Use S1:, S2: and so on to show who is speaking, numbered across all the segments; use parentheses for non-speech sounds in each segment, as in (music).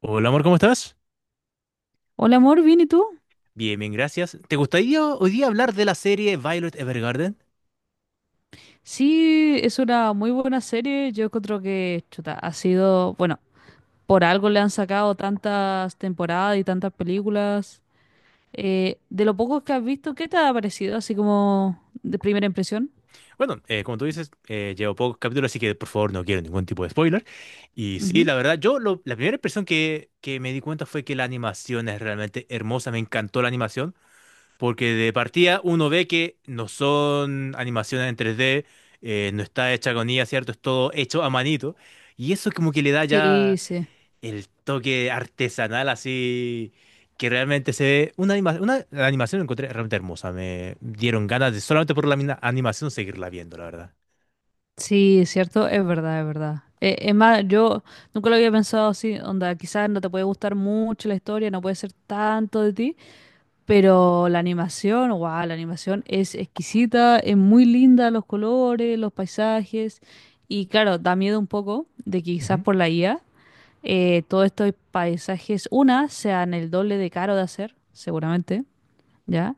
S1: Hola amor, ¿cómo estás?
S2: Hola amor, ¿bien y tú?
S1: Bien, bien, gracias. ¿Te gustaría hoy día hablar de la serie Violet Evergarden?
S2: Sí, es una muy buena serie. Yo encuentro que, chuta, ha sido, bueno, por algo le han sacado tantas temporadas y tantas películas. De lo poco que has visto, ¿qué te ha parecido? Así como de primera impresión.
S1: Bueno, como tú dices, llevo pocos capítulos, así que por favor no quiero ningún tipo de spoiler. Y sí,
S2: Ujú.
S1: la verdad, la primera impresión que me di cuenta fue que la animación es realmente hermosa, me encantó la animación, porque de partida uno ve que no son animaciones en 3D. No está hecha con IA, ¿cierto? Es todo hecho a manito. Y eso como que le da
S2: Sí,
S1: ya
S2: sí.
S1: el toque artesanal, así que realmente se ve una animación, la animación la encontré realmente hermosa. Me dieron ganas de solamente por animación seguirla viendo, la verdad.
S2: Sí, es cierto, es verdad, es verdad. Es más, yo nunca lo había pensado así, onda, quizás no te puede gustar mucho la historia, no puede ser tanto de ti. Pero la animación, wow, la animación es exquisita, es muy linda, los colores, los paisajes. Y claro, da miedo un poco de que quizás por la IA todos estos paisajes, una, sean el doble de caro de hacer, seguramente, ¿ya?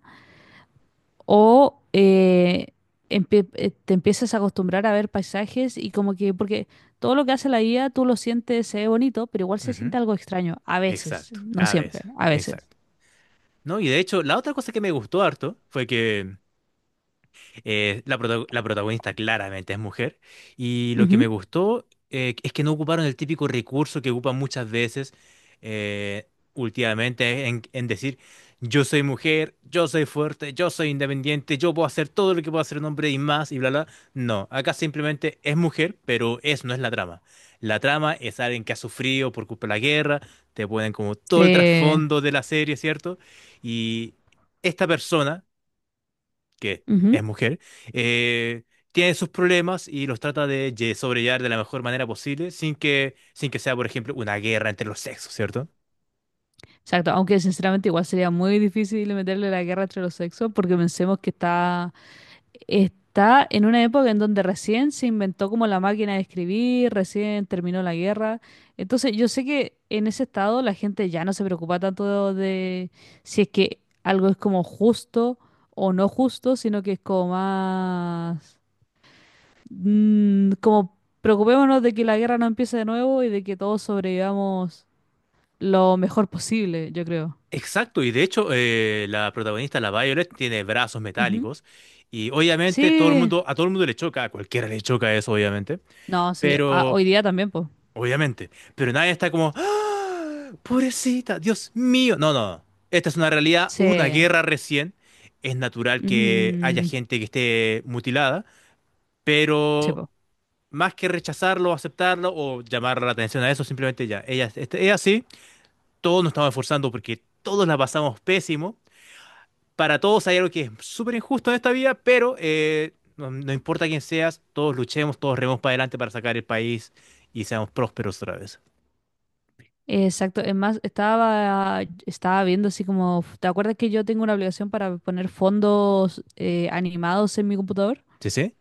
S2: O eh, Te empiezas a acostumbrar a ver paisajes y como que, porque todo lo que hace la IA tú lo sientes, se ve bonito, pero igual
S1: Ujú,
S2: se
S1: ujú.
S2: siente algo extraño, a veces,
S1: Exacto,
S2: no
S1: a
S2: siempre,
S1: veces,
S2: a veces.
S1: exacto. No, y de hecho, la otra cosa que me gustó harto fue que la protagonista claramente es mujer, y lo que me
S2: Ujú.
S1: gustó, es que no ocuparon el típico recurso que ocupan muchas veces eh, últimamente, en decir yo soy mujer, yo soy fuerte, yo soy independiente, yo puedo hacer todo lo que puedo hacer un hombre y más y bla bla. No, acá simplemente es mujer, pero eso no es la trama. La trama es alguien que ha sufrido por culpa de la guerra, te ponen como todo el
S2: Eh,
S1: trasfondo de la serie, ¿cierto? Y esta persona que es
S2: Ujú.
S1: mujer, eh, tiene sus problemas y los trata de sobrellevar de la mejor manera posible sin que sea, por ejemplo, una guerra entre los sexos, ¿cierto?
S2: Exacto, aunque sinceramente igual sería muy difícil meterle la guerra entre los sexos porque pensemos que está en una época en donde recién se inventó como la máquina de escribir, recién terminó la guerra. Entonces yo sé que en ese estado la gente ya no se preocupa tanto de si es que algo es como justo o no justo, sino que es como más... como preocupémonos de que la guerra no empiece de nuevo y de que todos sobrevivamos lo mejor posible, yo creo.
S1: Exacto, y de hecho, la protagonista, la Violet, tiene brazos metálicos, y obviamente todo el
S2: Sí,
S1: mundo, a todo el mundo le choca, a cualquiera le choca eso, obviamente,
S2: no, sí, ah,
S1: pero
S2: hoy día también, pues.
S1: pero nadie está como, ¡ah, pobrecita, Dios mío, no, no, no! Esta es una realidad,
S2: Sí,
S1: hubo una guerra recién, es natural que haya
S2: mm,
S1: gente que esté mutilada,
S2: sí,
S1: pero
S2: po.
S1: más que rechazarlo, aceptarlo o llamar la atención a eso, simplemente ya, ella es así, todos nos estamos esforzando porque todos la pasamos pésimo, para todos hay algo que es súper injusto en esta vida, pero no, no importa quién seas, todos luchemos, todos rememos para adelante para sacar el país y seamos prósperos otra vez.
S2: Exacto, es más, estaba viendo así como, ¿te acuerdas que yo tengo una obligación para poner fondos animados en mi computador?
S1: ¿Sí, sí?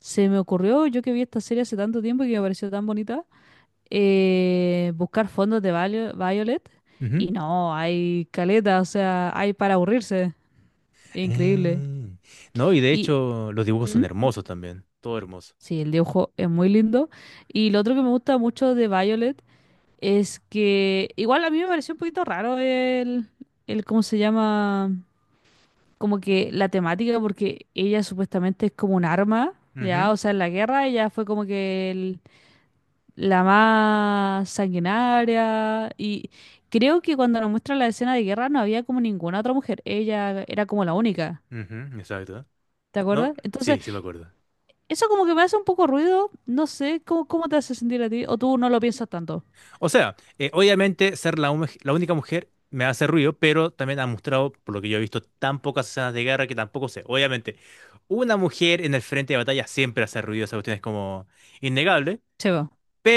S2: Se me ocurrió, yo que vi esta serie hace tanto tiempo y que me pareció tan bonita, buscar fondos de Violet
S1: Ujú.
S2: y no, hay caleta, o sea, hay para aburrirse, increíble.
S1: Eh, No, y de
S2: Y,
S1: hecho los dibujos son
S2: ¿mm?
S1: hermosos también, todo hermoso.
S2: Sí, el dibujo es muy lindo. Y lo otro que me gusta mucho de Violet es que igual a mí me pareció un poquito raro el cómo se llama, como que la temática, porque ella supuestamente es como un arma,
S1: Ujú,
S2: ¿ya? O sea, en la guerra ella fue como que la más sanguinaria. Y creo que cuando nos muestra la escena de guerra no había como ninguna otra mujer, ella era como la única,
S1: ujú, exacto.
S2: ¿te
S1: No,
S2: acuerdas? Entonces...
S1: sí, sí me acuerdo.
S2: Eso como que me hace un poco ruido. No sé, ¿cómo te hace sentir a ti? ¿O tú no lo piensas tanto?
S1: O sea, obviamente ser la única mujer me hace ruido, pero también ha mostrado, por lo que yo he visto, tan pocas escenas de guerra que tampoco sé. Obviamente, una mujer en el frente de batalla siempre hace ruido, esa cuestión es como innegable,
S2: Se va,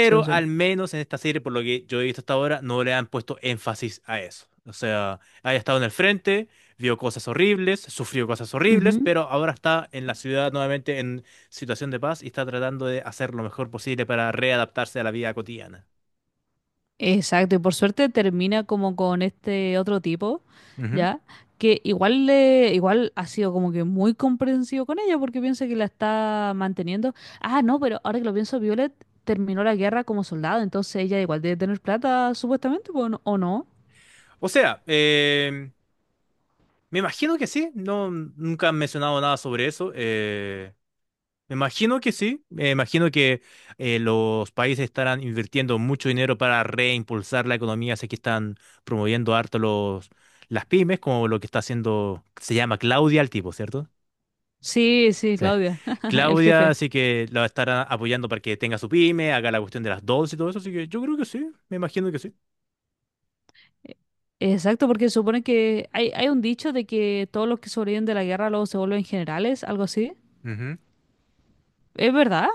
S2: se va.
S1: al menos en esta serie, por lo que yo he visto hasta ahora, no le han puesto énfasis a eso. O sea, haya estado en el frente, vio cosas horribles, sufrió cosas horribles,
S2: Ujú.
S1: pero ahora está en la ciudad nuevamente en situación de paz y está tratando de hacer lo mejor posible para readaptarse a la vida cotidiana.
S2: Exacto, y por suerte termina como con este otro tipo, ¿ya? Que igual ha sido como que muy comprensivo con ella porque piensa que la está manteniendo. Ah, no, pero ahora que lo pienso, Violet terminó la guerra como soldado, entonces ella igual debe tener plata, supuestamente, pues, ¿o no? ¿O no?
S1: O sea, me imagino que sí, no, nunca han mencionado nada sobre eso. Me imagino que sí, me imagino que los países estarán invirtiendo mucho dinero para reimpulsar la economía, sé que están promoviendo harto las pymes, como lo que está haciendo, se llama Claudia el tipo, ¿cierto?
S2: Sí, sí,
S1: Sí.
S2: Claudia, (laughs) el
S1: Claudia,
S2: jefe.
S1: así que la estarán apoyando para que tenga su pyme, haga la cuestión de las dos y todo eso, así que yo creo que sí, me imagino que sí.
S2: Exacto, porque supone que hay un dicho de que todos los que sobreviven de la guerra luego se vuelven generales, algo así. ¿Es verdad?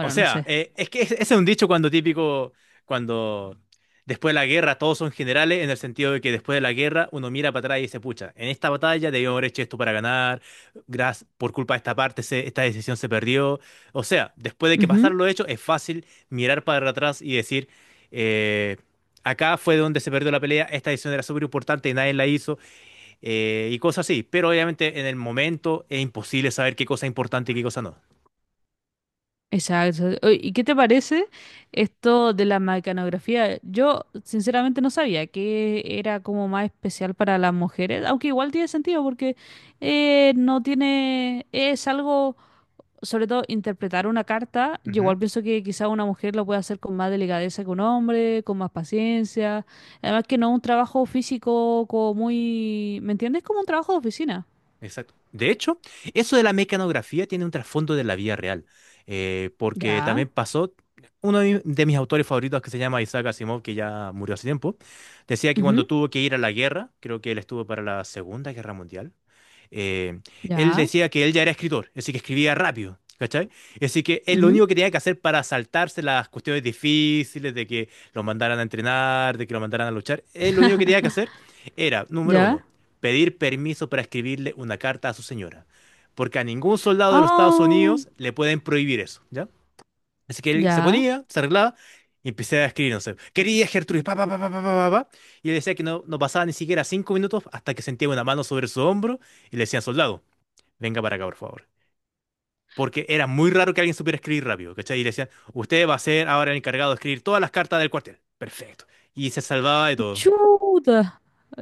S1: O
S2: no
S1: sea,
S2: sé.
S1: es que ese es un dicho cuando típico, cuando después de la guerra todos son generales, en el sentido de que después de la guerra uno mira para atrás y dice, pucha, en esta batalla debíamos haber hecho esto para ganar, gracias, por culpa de esta parte esta decisión se perdió. O sea, después de que
S2: Ujú,
S1: pasaron los hechos, es fácil mirar para atrás y decir, eh, acá fue donde se perdió la pelea, esta decisión era súper importante y nadie la hizo, y cosas así. Pero obviamente en el momento es imposible saber qué cosa es importante y qué cosa no.
S2: exacto. Oye, ¿y qué te parece esto de la mecanografía? Yo sinceramente no sabía que era como más especial para las mujeres, aunque igual tiene sentido porque no tiene, es algo sobre todo interpretar una carta, yo igual pienso que quizá una mujer lo puede hacer con más delicadeza que un hombre, con más paciencia. Además que no es un trabajo físico como muy, ¿me entiendes? Como un trabajo de oficina.
S1: Exacto. De hecho, eso de la mecanografía tiene un trasfondo de la vida real, porque
S2: Ya.
S1: también pasó, uno de de mis autores favoritos que se llama Isaac Asimov, que ya murió hace tiempo, decía que cuando
S2: Ujú,
S1: tuvo que ir a la guerra, creo que él estuvo para la Segunda Guerra Mundial, eh, él
S2: ya.
S1: decía que él ya era escritor, así que escribía rápido, ¿cachai? Así que él lo
S2: Ujú,
S1: único que tenía que hacer para saltarse las cuestiones difíciles de que lo mandaran a entrenar, de que lo mandaran a luchar, él lo único que tenía que hacer era, número
S2: ya.
S1: uno, pedir permiso para escribirle una carta a su señora, porque a ningún soldado de los Estados
S2: Ah,
S1: Unidos le pueden prohibir eso, ¿ya? Así que él se
S2: ya.
S1: ponía, se arreglaba y empecé a escribir, no sé, quería Gertrudis, pa, pa, pa, pa, pa, pa, pa, pa. Y él decía que no pasaba ni siquiera 5 minutos hasta que sentía una mano sobre su hombro y le decían, soldado, venga para acá, por favor. Porque era muy raro que alguien supiera escribir rápido, ¿cachai? Y le decían, usted va a ser ahora el encargado de escribir todas las cartas del cuartel. Perfecto. Y se salvaba de todo.
S2: Chuta.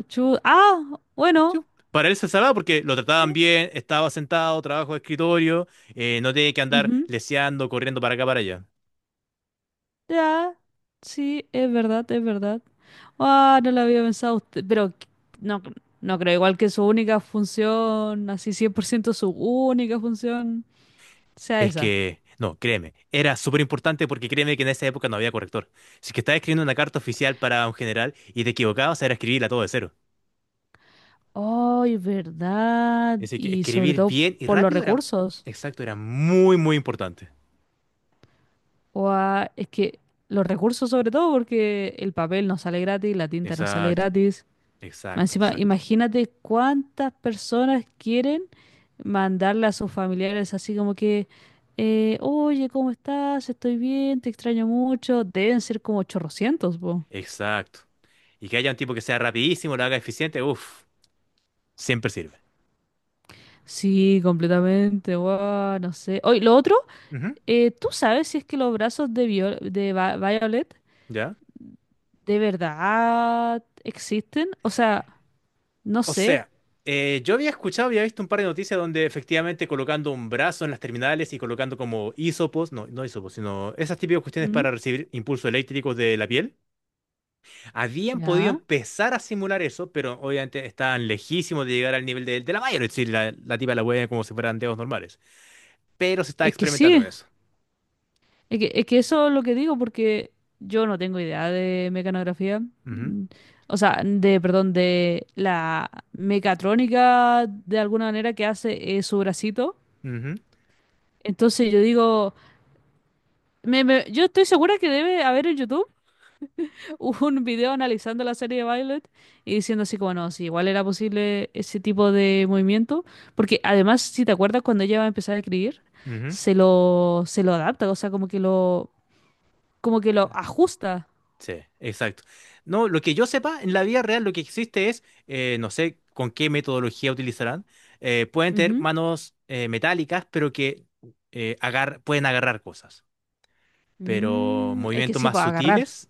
S2: Ah, bueno.
S1: Chu. Para él se salvaba porque lo
S2: Sí,
S1: trataban bien, estaba sentado, trabajo de escritorio, no tenía que andar
S2: ujú,
S1: leseando, corriendo para acá, para allá.
S2: ya. Sí, es verdad, es verdad. Ah, no lo había pensado usted, pero no, no creo igual que su única función, así 100% su única función, sea
S1: Es
S2: esa.
S1: que, no, créeme, era súper importante porque créeme que en esa época no había corrector. Si que estaba escribiendo una carta oficial para un general y te equivocabas, era escribirla todo de cero.
S2: Ay, verdad.
S1: Así que
S2: Y sobre
S1: escribir
S2: todo
S1: bien y
S2: por los
S1: rápido era,
S2: recursos.
S1: exacto, era muy, muy importante.
S2: O es que los recursos sobre todo porque el papel no sale gratis, la tinta no sale
S1: Exacto,
S2: gratis. Más
S1: exacto,
S2: encima,
S1: exacto,
S2: imagínate cuántas personas quieren mandarle a sus familiares así como que, oye, ¿cómo estás? Estoy bien, te extraño mucho. Deben ser como 800 po.
S1: exacto. Y que haya un tipo que sea rapidísimo, lo haga eficiente, uff, siempre sirve.
S2: Sí, completamente, guau, no sé. Oye, lo otro,
S1: Ujú.
S2: ¿tú sabes si es que los brazos de Violet
S1: ¿Ya?
S2: de verdad existen? O sea, no
S1: O
S2: sé.
S1: sea, yo había escuchado, había visto un par de noticias donde efectivamente colocando un brazo en las terminales y colocando como hisopos, no, no hisopos, sino esas típicas cuestiones
S2: ¿Mm?
S1: para recibir impulsos eléctricos de la piel, habían podido
S2: ¿Ya?
S1: empezar a simular eso, pero obviamente estaban lejísimos de llegar al nivel de la Bayer, es decir, la tipa la huella como si fueran dedos normales. Pero se está
S2: Es que
S1: experimentando
S2: sí.
S1: con eso.
S2: Es que eso es lo que digo, porque yo no tengo idea de mecanografía.
S1: Ujú,
S2: Mm, o sea, de, perdón, de la mecatrónica de alguna manera que hace su bracito.
S1: ujú,
S2: Entonces yo digo, yo estoy segura que debe haber en YouTube (laughs) un video analizando la serie de Violet y diciendo así como, no, si igual era posible ese tipo de movimiento. Porque además, si te acuerdas, cuando ella va a empezar a escribir,
S1: ujú.
S2: se lo adapta, o sea, como que lo ajusta.
S1: Sí, exacto. No, lo que yo sepa, en la vida real lo que existe es, no sé con qué metodología utilizarán, pueden tener
S2: Ujú.
S1: manos metálicas, pero que pueden agarrar cosas. Pero
S2: Mm, es que
S1: movimientos
S2: sí, pues agarrar.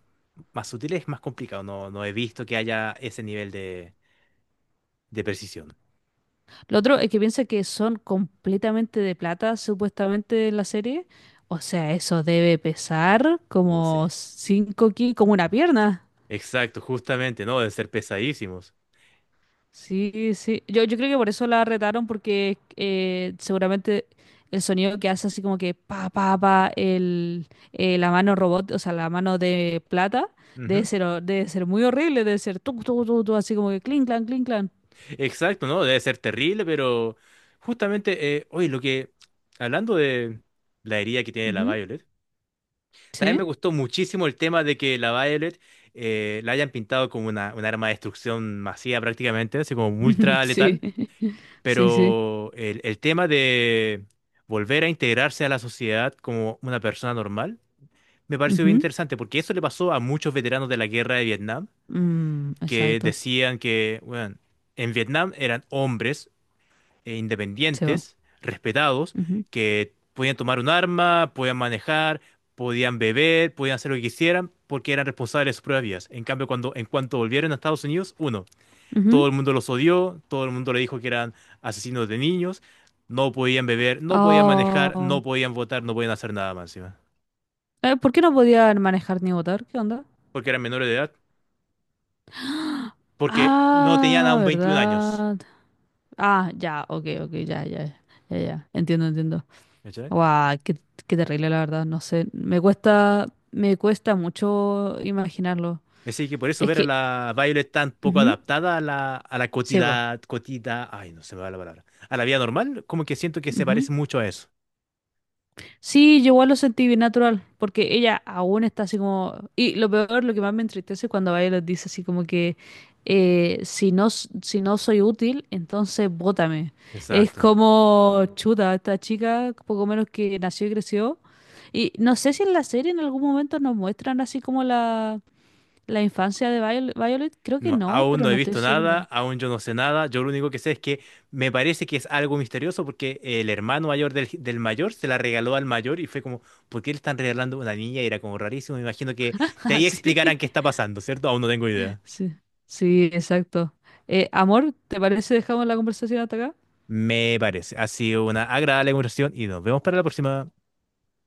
S1: más sutiles es más complicado. No, no he visto que haya ese nivel de precisión.
S2: Lo otro es que piensa que son completamente de plata, supuestamente, en la serie. O sea, eso debe pesar como
S1: Sí.
S2: 5 kilos, como una pierna.
S1: Exacto, justamente, ¿no? Deben ser pesadísimos.
S2: Sí, sí. Yo creo que por eso la retaron, porque seguramente el sonido que hace así como que pa, pa, pa, el, la mano robot, o sea, la mano de plata, debe ser muy horrible, debe ser tu, tu, tu, tu, así como que clink, clan, clink, clan.
S1: Exacto, ¿no? Debe ser terrible, pero justamente, oye, hablando de la herida que tiene la
S2: Ujú.
S1: Violet, también me
S2: Sí.
S1: gustó muchísimo el tema de que la Violet la hayan pintado como un arma de destrucción masiva prácticamente, así como
S2: (laughs)
S1: ultra
S2: Sí,
S1: letal,
S2: (laughs) sí, sí.
S1: pero el tema de volver a integrarse a la sociedad como una persona normal, me pareció bien
S2: Ujú.
S1: interesante, porque eso le pasó a muchos veteranos de la guerra de Vietnam,
S2: Mm,
S1: que
S2: exacto,
S1: decían que, bueno, en Vietnam eran hombres
S2: se va.
S1: independientes, respetados,
S2: Ujú,
S1: que podían tomar un arma, podían manejar, podían beber, podían hacer lo que quisieran, porque eran responsables de sus propias vidas. En cambio, en cuanto volvieron a Estados Unidos, uno, todo
S2: ujú.
S1: el mundo los odió, todo el mundo le dijo que eran asesinos de niños, no podían beber, no podían manejar, no
S2: Oh.
S1: podían votar, no podían hacer nada más encima,
S2: ¿Por qué no podía manejar ni votar? ¿Qué onda?
S1: porque eran menores de edad, porque no tenían
S2: Ah,
S1: aún 21 años.
S2: ¿verdad? Ah, ya, ok, ok, ya, ya, ya, ya, ya. Entiendo, entiendo. Guau, qué, qué terrible, la verdad, no sé. Me cuesta mucho imaginarlo.
S1: Así que por eso
S2: Es
S1: ver a
S2: que,
S1: la Violet tan poco
S2: ujú,
S1: adaptada a la, a la
S2: sí,
S1: cotida, cotida, ay, no se me va la palabra, a la vida normal, como que siento que se
S2: vos.
S1: parece mucho a eso.
S2: Sí, yo igual lo sentí bien natural, porque ella aún está así como... Y lo peor, lo que más me entristece es cuando Violet dice así como que si no soy útil, entonces bótame. Es
S1: Exacto.
S2: como chuta, esta chica, poco menos que nació y creció. Y no sé si en la serie en algún momento nos muestran así como la infancia de Violet. Creo que
S1: No,
S2: no,
S1: aún
S2: pero
S1: no he
S2: no estoy
S1: visto nada,
S2: segura.
S1: aún yo no sé nada, yo lo único que sé es que me parece que es algo misterioso, porque el hermano mayor del mayor se la regaló al mayor y fue como, ¿por qué le están regalando una niña? Y era como rarísimo, me imagino que
S2: (laughs)
S1: de
S2: Ah,
S1: ahí
S2: sí.
S1: explicarán qué está pasando, ¿cierto? Aún no tengo idea.
S2: Sí, sí, exacto. Amor, ¿te parece dejamos la conversación hasta acá?
S1: Me parece. Ha sido una agradable conversación y nos vemos para la próxima.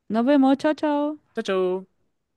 S2: Nos vemos, chao, chao.
S1: Chao, chao.